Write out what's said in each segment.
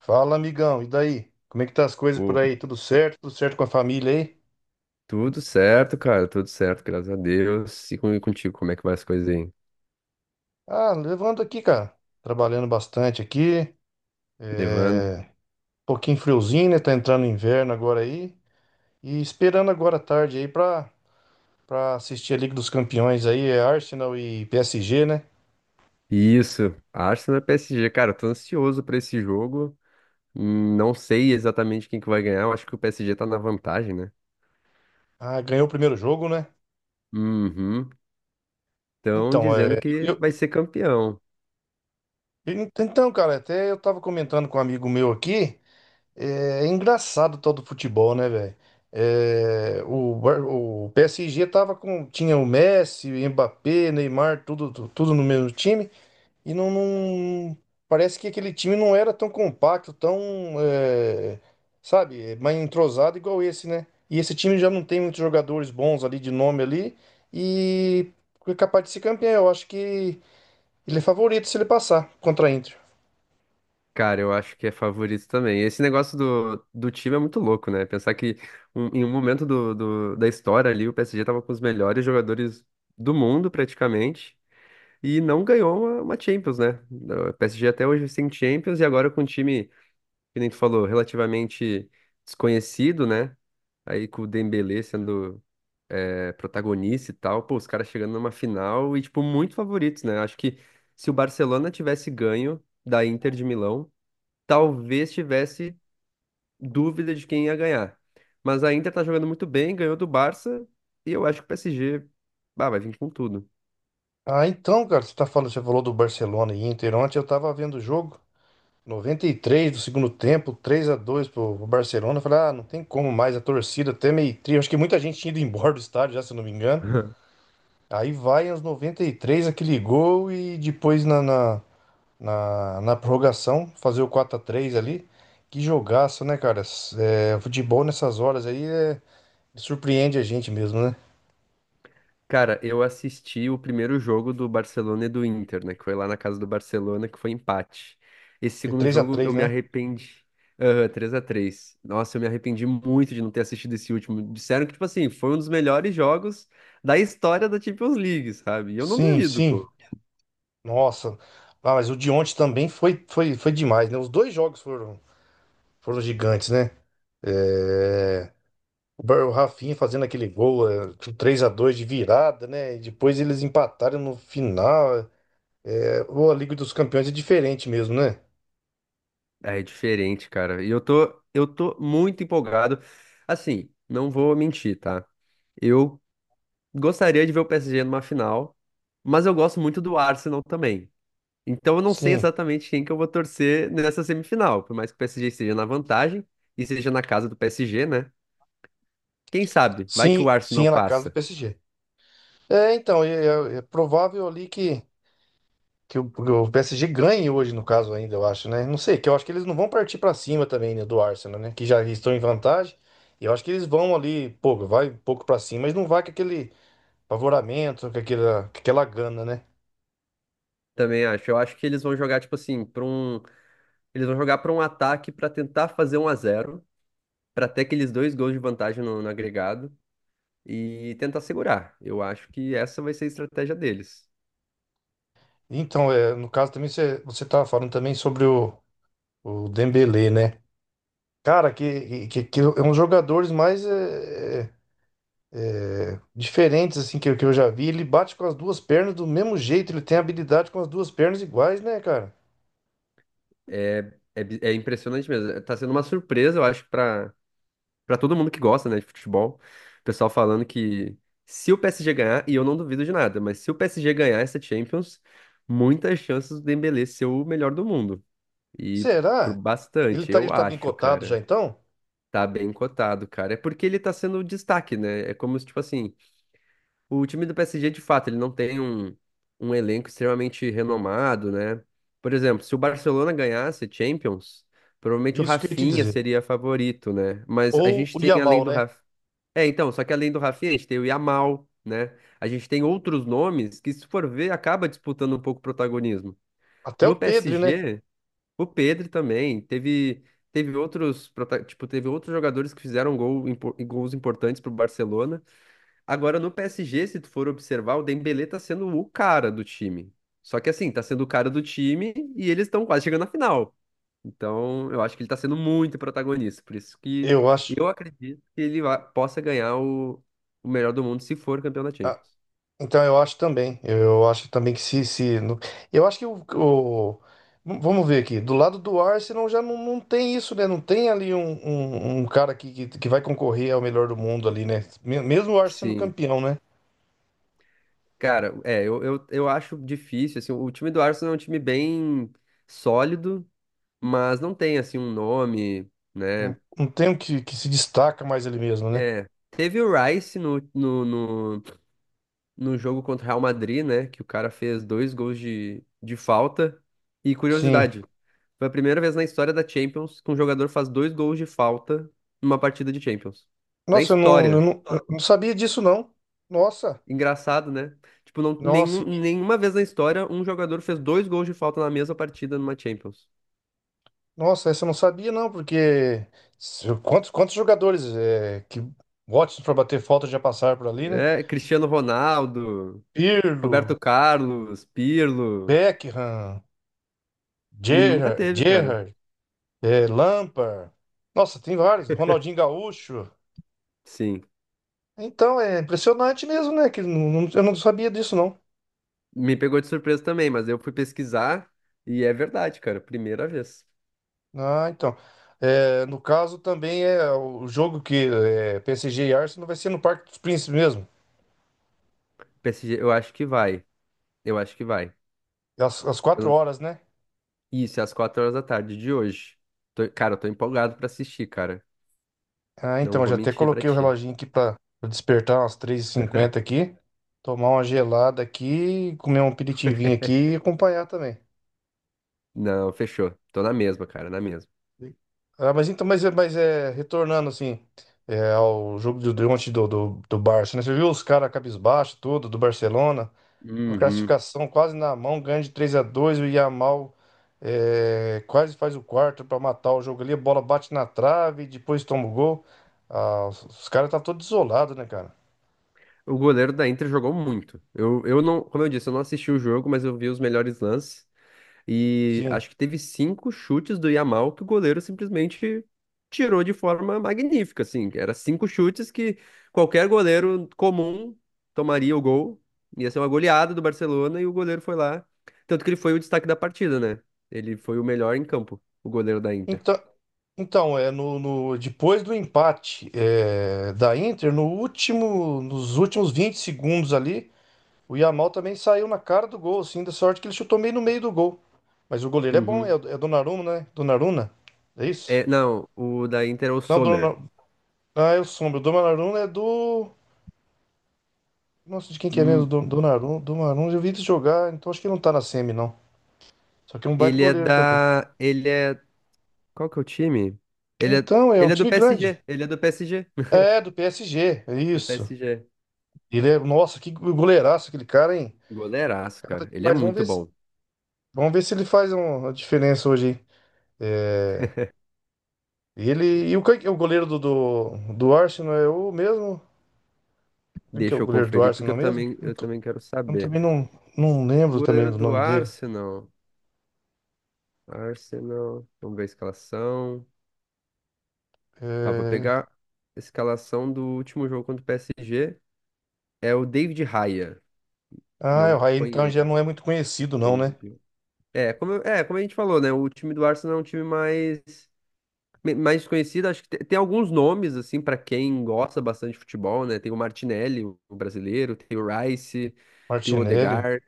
Fala, amigão, e daí? Como é que tá as coisas por Ô, aí? Tudo certo? Tudo certo com a família aí? tudo certo, cara, tudo certo, graças a Deus. E comigo contigo, como é que vai as coisas aí? Ah, levando aqui, cara. Trabalhando bastante aqui. Um Levando. pouquinho friozinho, né? Tá entrando inverno agora aí. E esperando agora à tarde aí pra assistir a Liga dos Campeões aí. É Arsenal e PSG, né? Isso, Arsenal e PSG, cara, eu tô ansioso pra esse jogo. Não sei exatamente quem que vai ganhar, eu acho que o PSG tá na vantagem, né? Ah, ganhou o primeiro jogo, né? Uhum. Estão Então, dizendo que vai ser campeão. Então, cara, até eu tava comentando com um amigo meu aqui. É engraçado todo o futebol, né, velho? É, o PSG tinha o Messi, o Mbappé, Neymar, tudo no mesmo time, e parece que aquele time não era tão compacto, tão, é, sabe, é, mais entrosado igual esse, né? E esse time já não tem muitos jogadores bons ali de nome ali, e é capaz de ser campeão. Eu acho que ele é favorito se ele passar contra a Inter. Cara, eu acho que é favorito também. Esse negócio do time é muito louco, né? Pensar que em um momento do, da história ali, o PSG tava com os melhores jogadores do mundo, praticamente. E não ganhou uma Champions, né? O PSG até hoje sem Champions e agora com um time, que nem tu falou, relativamente desconhecido, né? Aí com o Dembélé sendo protagonista e tal, pô, os caras chegando numa final e, tipo, muito favoritos, né? Acho que se o Barcelona tivesse ganho da Inter de Milão, talvez tivesse dúvida de quem ia ganhar. Mas a Inter tá jogando muito bem, ganhou do Barça e eu acho que o PSG, bah, vai vir com tudo. Ah, então, cara, você falou do Barcelona e Inter. Ontem eu tava vendo o jogo, 93 do segundo tempo, 3 a 2 pro Barcelona. Eu falei, ah, não tem como mais, a torcida até meio triste. Acho que muita gente tinha ido embora do estádio já, se eu não me engano. Aí vai aos 93 aquele gol e depois na prorrogação fazer o 4 a 3 ali. Que jogaço, né, cara? Futebol nessas horas aí surpreende a gente mesmo, né? Cara, eu assisti o primeiro jogo do Barcelona e do Inter, né? Que foi lá na casa do Barcelona, que foi empate. Esse Foi segundo três a jogo eu três, me né? arrependi. Aham, 3 a 3. Nossa, eu me arrependi muito de não ter assistido esse último. Disseram que, tipo assim, foi um dos melhores jogos da história da Champions League, sabe? E eu não Sim, duvido, sim. pô. Nossa, ah, mas o de ontem também foi demais, né? Os dois jogos foram gigantes, né? É, O o Rafinha fazendo aquele gol, é, 3x2 de virada, né? E depois eles empataram no final. É, ou a Liga dos Campeões é diferente mesmo, né? É diferente, cara. E eu tô muito empolgado. Assim, não vou mentir, tá? Eu gostaria de ver o PSG numa final, mas eu gosto muito do Arsenal também. Então eu não sei Sim, exatamente quem que eu vou torcer nessa semifinal, por mais que o PSG esteja na vantagem e seja na casa do PSG, né? Quem sabe? Vai que o sim, Arsenal é na casa do passa. PSG. É, então, é, É provável ali que o PSG ganhe hoje, no caso, ainda, eu acho, né? Não sei, que eu acho que eles não vão partir pra cima também, né, do Arsenal, né? Que já estão em vantagem. E eu acho que eles vão ali, pouco, vai um pouco pra cima, mas não vai com aquele favoramento, com aquela gana, né? Também acho. Eu acho que eles vão jogar tipo assim, eles vão jogar para um ataque para tentar fazer 1 a 0 para ter aqueles dois gols de vantagem no agregado e tentar segurar. Eu acho que essa vai ser a estratégia deles. Então, é, no caso também, você tava falando também sobre o Dembélé, né? Cara, que é um dos jogadores mais diferentes, assim, que eu já vi. Ele bate com as duas pernas do mesmo jeito, ele tem habilidade com as duas pernas iguais, né, cara? É impressionante mesmo. Tá sendo uma surpresa, eu acho, para Pra todo mundo que gosta, né, de futebol, o pessoal falando que se o PSG ganhar, e eu não duvido de nada, mas se o PSG ganhar essa Champions, muitas chances do Dembélé ser o melhor do mundo. E por Será? Bastante, eu Ele tá bem acho, cotado já cara. então? Tá bem cotado, cara. É porque ele tá sendo o destaque, né? É como se, tipo assim, o time do PSG, de fato, ele não tem um elenco extremamente renomado, né? Por exemplo, se o Barcelona ganhasse Champions, provavelmente o Isso que eu ia te Rafinha dizer. seria favorito, né? Mas a Ou gente o tem, além Yamal, do né? Rafinha, então, só que além do Rafinha, a gente tem o Yamal, né? A gente tem outros nomes que, se for ver, acaba disputando um pouco o protagonismo. Até No o Pedro, né? PSG, o Pedri também teve outros tipo, teve outros jogadores que fizeram gol, gols importantes para o Barcelona. Agora no PSG, se tu for observar, o Dembélé tá sendo o cara do time. Só que assim, tá sendo o cara do time e eles estão quase chegando na final. Então, eu acho que ele tá sendo muito protagonista, por isso que Eu acho. eu acredito que ele possa ganhar o melhor do mundo se for campeão da Ah, Champions. então eu acho também. Eu acho também que se. Se no- eu acho que o- vamos ver aqui. Do lado do Arsenal já não, não tem isso, né? Não tem ali um cara que vai concorrer ao melhor do mundo ali, né? Mesmo o Arsenal sendo Sim. campeão, né? Cara, eu acho difícil, assim, o time do Arsenal é um time bem sólido, mas não tem, assim, um nome, né? Não tem um que se destaca mais ele mesmo, né? É, teve o Rice no, no, num jogo contra o Real Madrid, né? Que o cara fez dois gols de falta. E Sim. curiosidade, foi a primeira vez na história da Champions que um jogador faz dois gols de falta numa partida de Champions. Na Nossa, história. Eu não sabia disso, não. Nossa. Engraçado, né? Tipo, não, Nossa. Nenhuma vez na história um jogador fez dois gols de falta na mesma partida numa Champions. Nossa, essa eu não sabia não, porque quantos, quantos jogadores que ótimos para bater falta já passaram por ali, né? É, Cristiano Ronaldo, Pirlo, Roberto Carlos, Pirlo. Beckham, E nunca teve, cara. Gerrard, é, Lampard. Nossa, tem vários. Ronaldinho Gaúcho. Sim. Então, é impressionante mesmo, né? Que não- não- eu não sabia disso não. Me pegou de surpresa também, mas eu fui pesquisar e é verdade, cara. Primeira vez. Ah, então. É, no caso também é o jogo PSG e Arsenal vai ser no Parque dos Príncipes mesmo. PSG, eu acho que vai. Eu acho que vai. Às Eu quatro não- horas, né? Isso, é às 4 horas da tarde de hoje. Cara, eu tô empolgado pra assistir, cara. Ah, então, Não eu vou já até mentir pra coloquei o ti. reloginho aqui pra despertar umas 3h50 aqui. Tomar uma gelada aqui, comer um aperitivinho aqui e acompanhar também. Não, fechou. Tô na mesma, cara, na mesma. Ah, mas então, mas é, retornando assim, é, ao jogo de ontem do Barça, né? Você viu os caras cabisbaixo, tudo, do Barcelona, com a Uhum. classificação quase na mão, ganha de 3 a 2 o Yamal é, quase faz o quarto para matar o jogo ali, a bola bate na trave, depois toma o gol. Ah, os caras tá todo isolado, né, cara? O goleiro da Inter jogou muito. Eu não, como eu disse, eu não assisti o jogo, mas eu vi os melhores lances. E Sim. acho que teve cinco chutes do Yamal que o goleiro simplesmente tirou de forma magnífica, assim. Era cinco chutes que qualquer goleiro comum tomaria o gol. Ia ser uma goleada do Barcelona e o goleiro foi lá. Tanto que ele foi o destaque da partida, né? Ele foi o melhor em campo, o goleiro da Inter. Então, então é depois do empate é, da Inter, no último, nos últimos 20 segundos ali, o Yamal também saiu na cara do gol, assim, da sorte que ele chutou meio no meio do gol. Mas o goleiro é bom, Uhum. É Donnarumma, né? Donnarumma? É isso? É, não, o da Inter é o Não, Sommer. Donnarumma. Ah, eu sombro. O Donnarumma é do. Nossa, de quem que é mesmo? Hum, Donnarumma. Donnarumma, eu vi ele jogar, então acho que não tá na semi, não. Só que é um baita ele é goleiro também. da. Ele é. Qual que é o time? Ele é, Então, é um ele é do time grande. PSG. Ele é do PSG. É, do PSG, é Do isso. PSG. Ele é, nossa, que goleiraço aquele cara, hein? O Goleiraço, cara, tá cara. Ele é demais. Muito bom. Vamos ver se ele faz uma diferença hoje, hein? É, ele e o, quem que é o goleiro do Arsenal é o mesmo? Quem que é o Deixa eu goleiro do conferir, porque Arsenal eu mesmo? também, eu também quero Eu saber. também não, não O lembro também goleiro do do nome dele. Arsenal. Arsenal. Vamos ver a escalação. Ah, vou É, pegar a escalação do último jogo contra o PSG. É o David Raya. ah, é o Não Raí então já conheço. não é muito conhecido não, né? David. É, como a gente falou, né? O time do Arsenal é um time mais desconhecido. Acho que tem, alguns nomes, assim, pra quem gosta bastante de futebol, né? Tem o Martinelli, o brasileiro. Tem o Rice. Tem o Martinelli. Odegaard.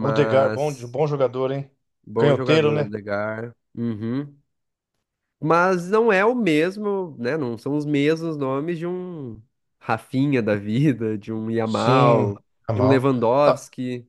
Odegaard, bom jogador, hein? Bom Canhoteiro, jogador, né? Odegaard. Uhum. Mas não é o mesmo, né? Não são os mesmos nomes de um Rafinha da vida, de um Sim, Yamal, tá de um mal. Ah, Lewandowski.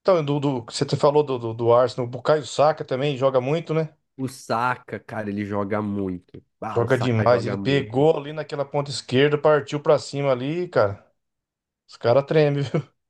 então, você falou do Arsenal, o Bukayo Saka também joga muito, né? O Saka, cara, ele joga muito. Ah, o Joga Saka demais. Ele joga muito. pegou ali naquela ponta esquerda, partiu pra cima ali, cara. Os caras tremem, viu?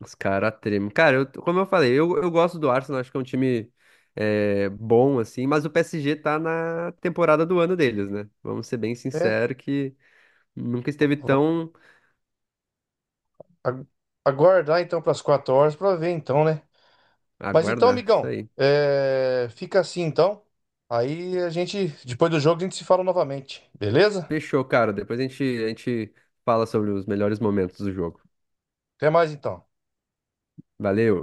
Os caras tremem. Cara, como eu falei, eu gosto do Arsenal, acho que é um time bom, assim, mas o PSG tá na temporada do ano deles, né? Vamos ser bem É. sinceros que nunca esteve tão. a- Aguardar então pras 4 horas pra ver então, né? Mas então, Aguardar, isso amigão, aí. é, fica assim então. Aí a gente, depois do jogo, a gente se fala novamente, beleza? Fechou, cara. Depois a gente fala sobre os melhores momentos do jogo. Até mais então. Valeu!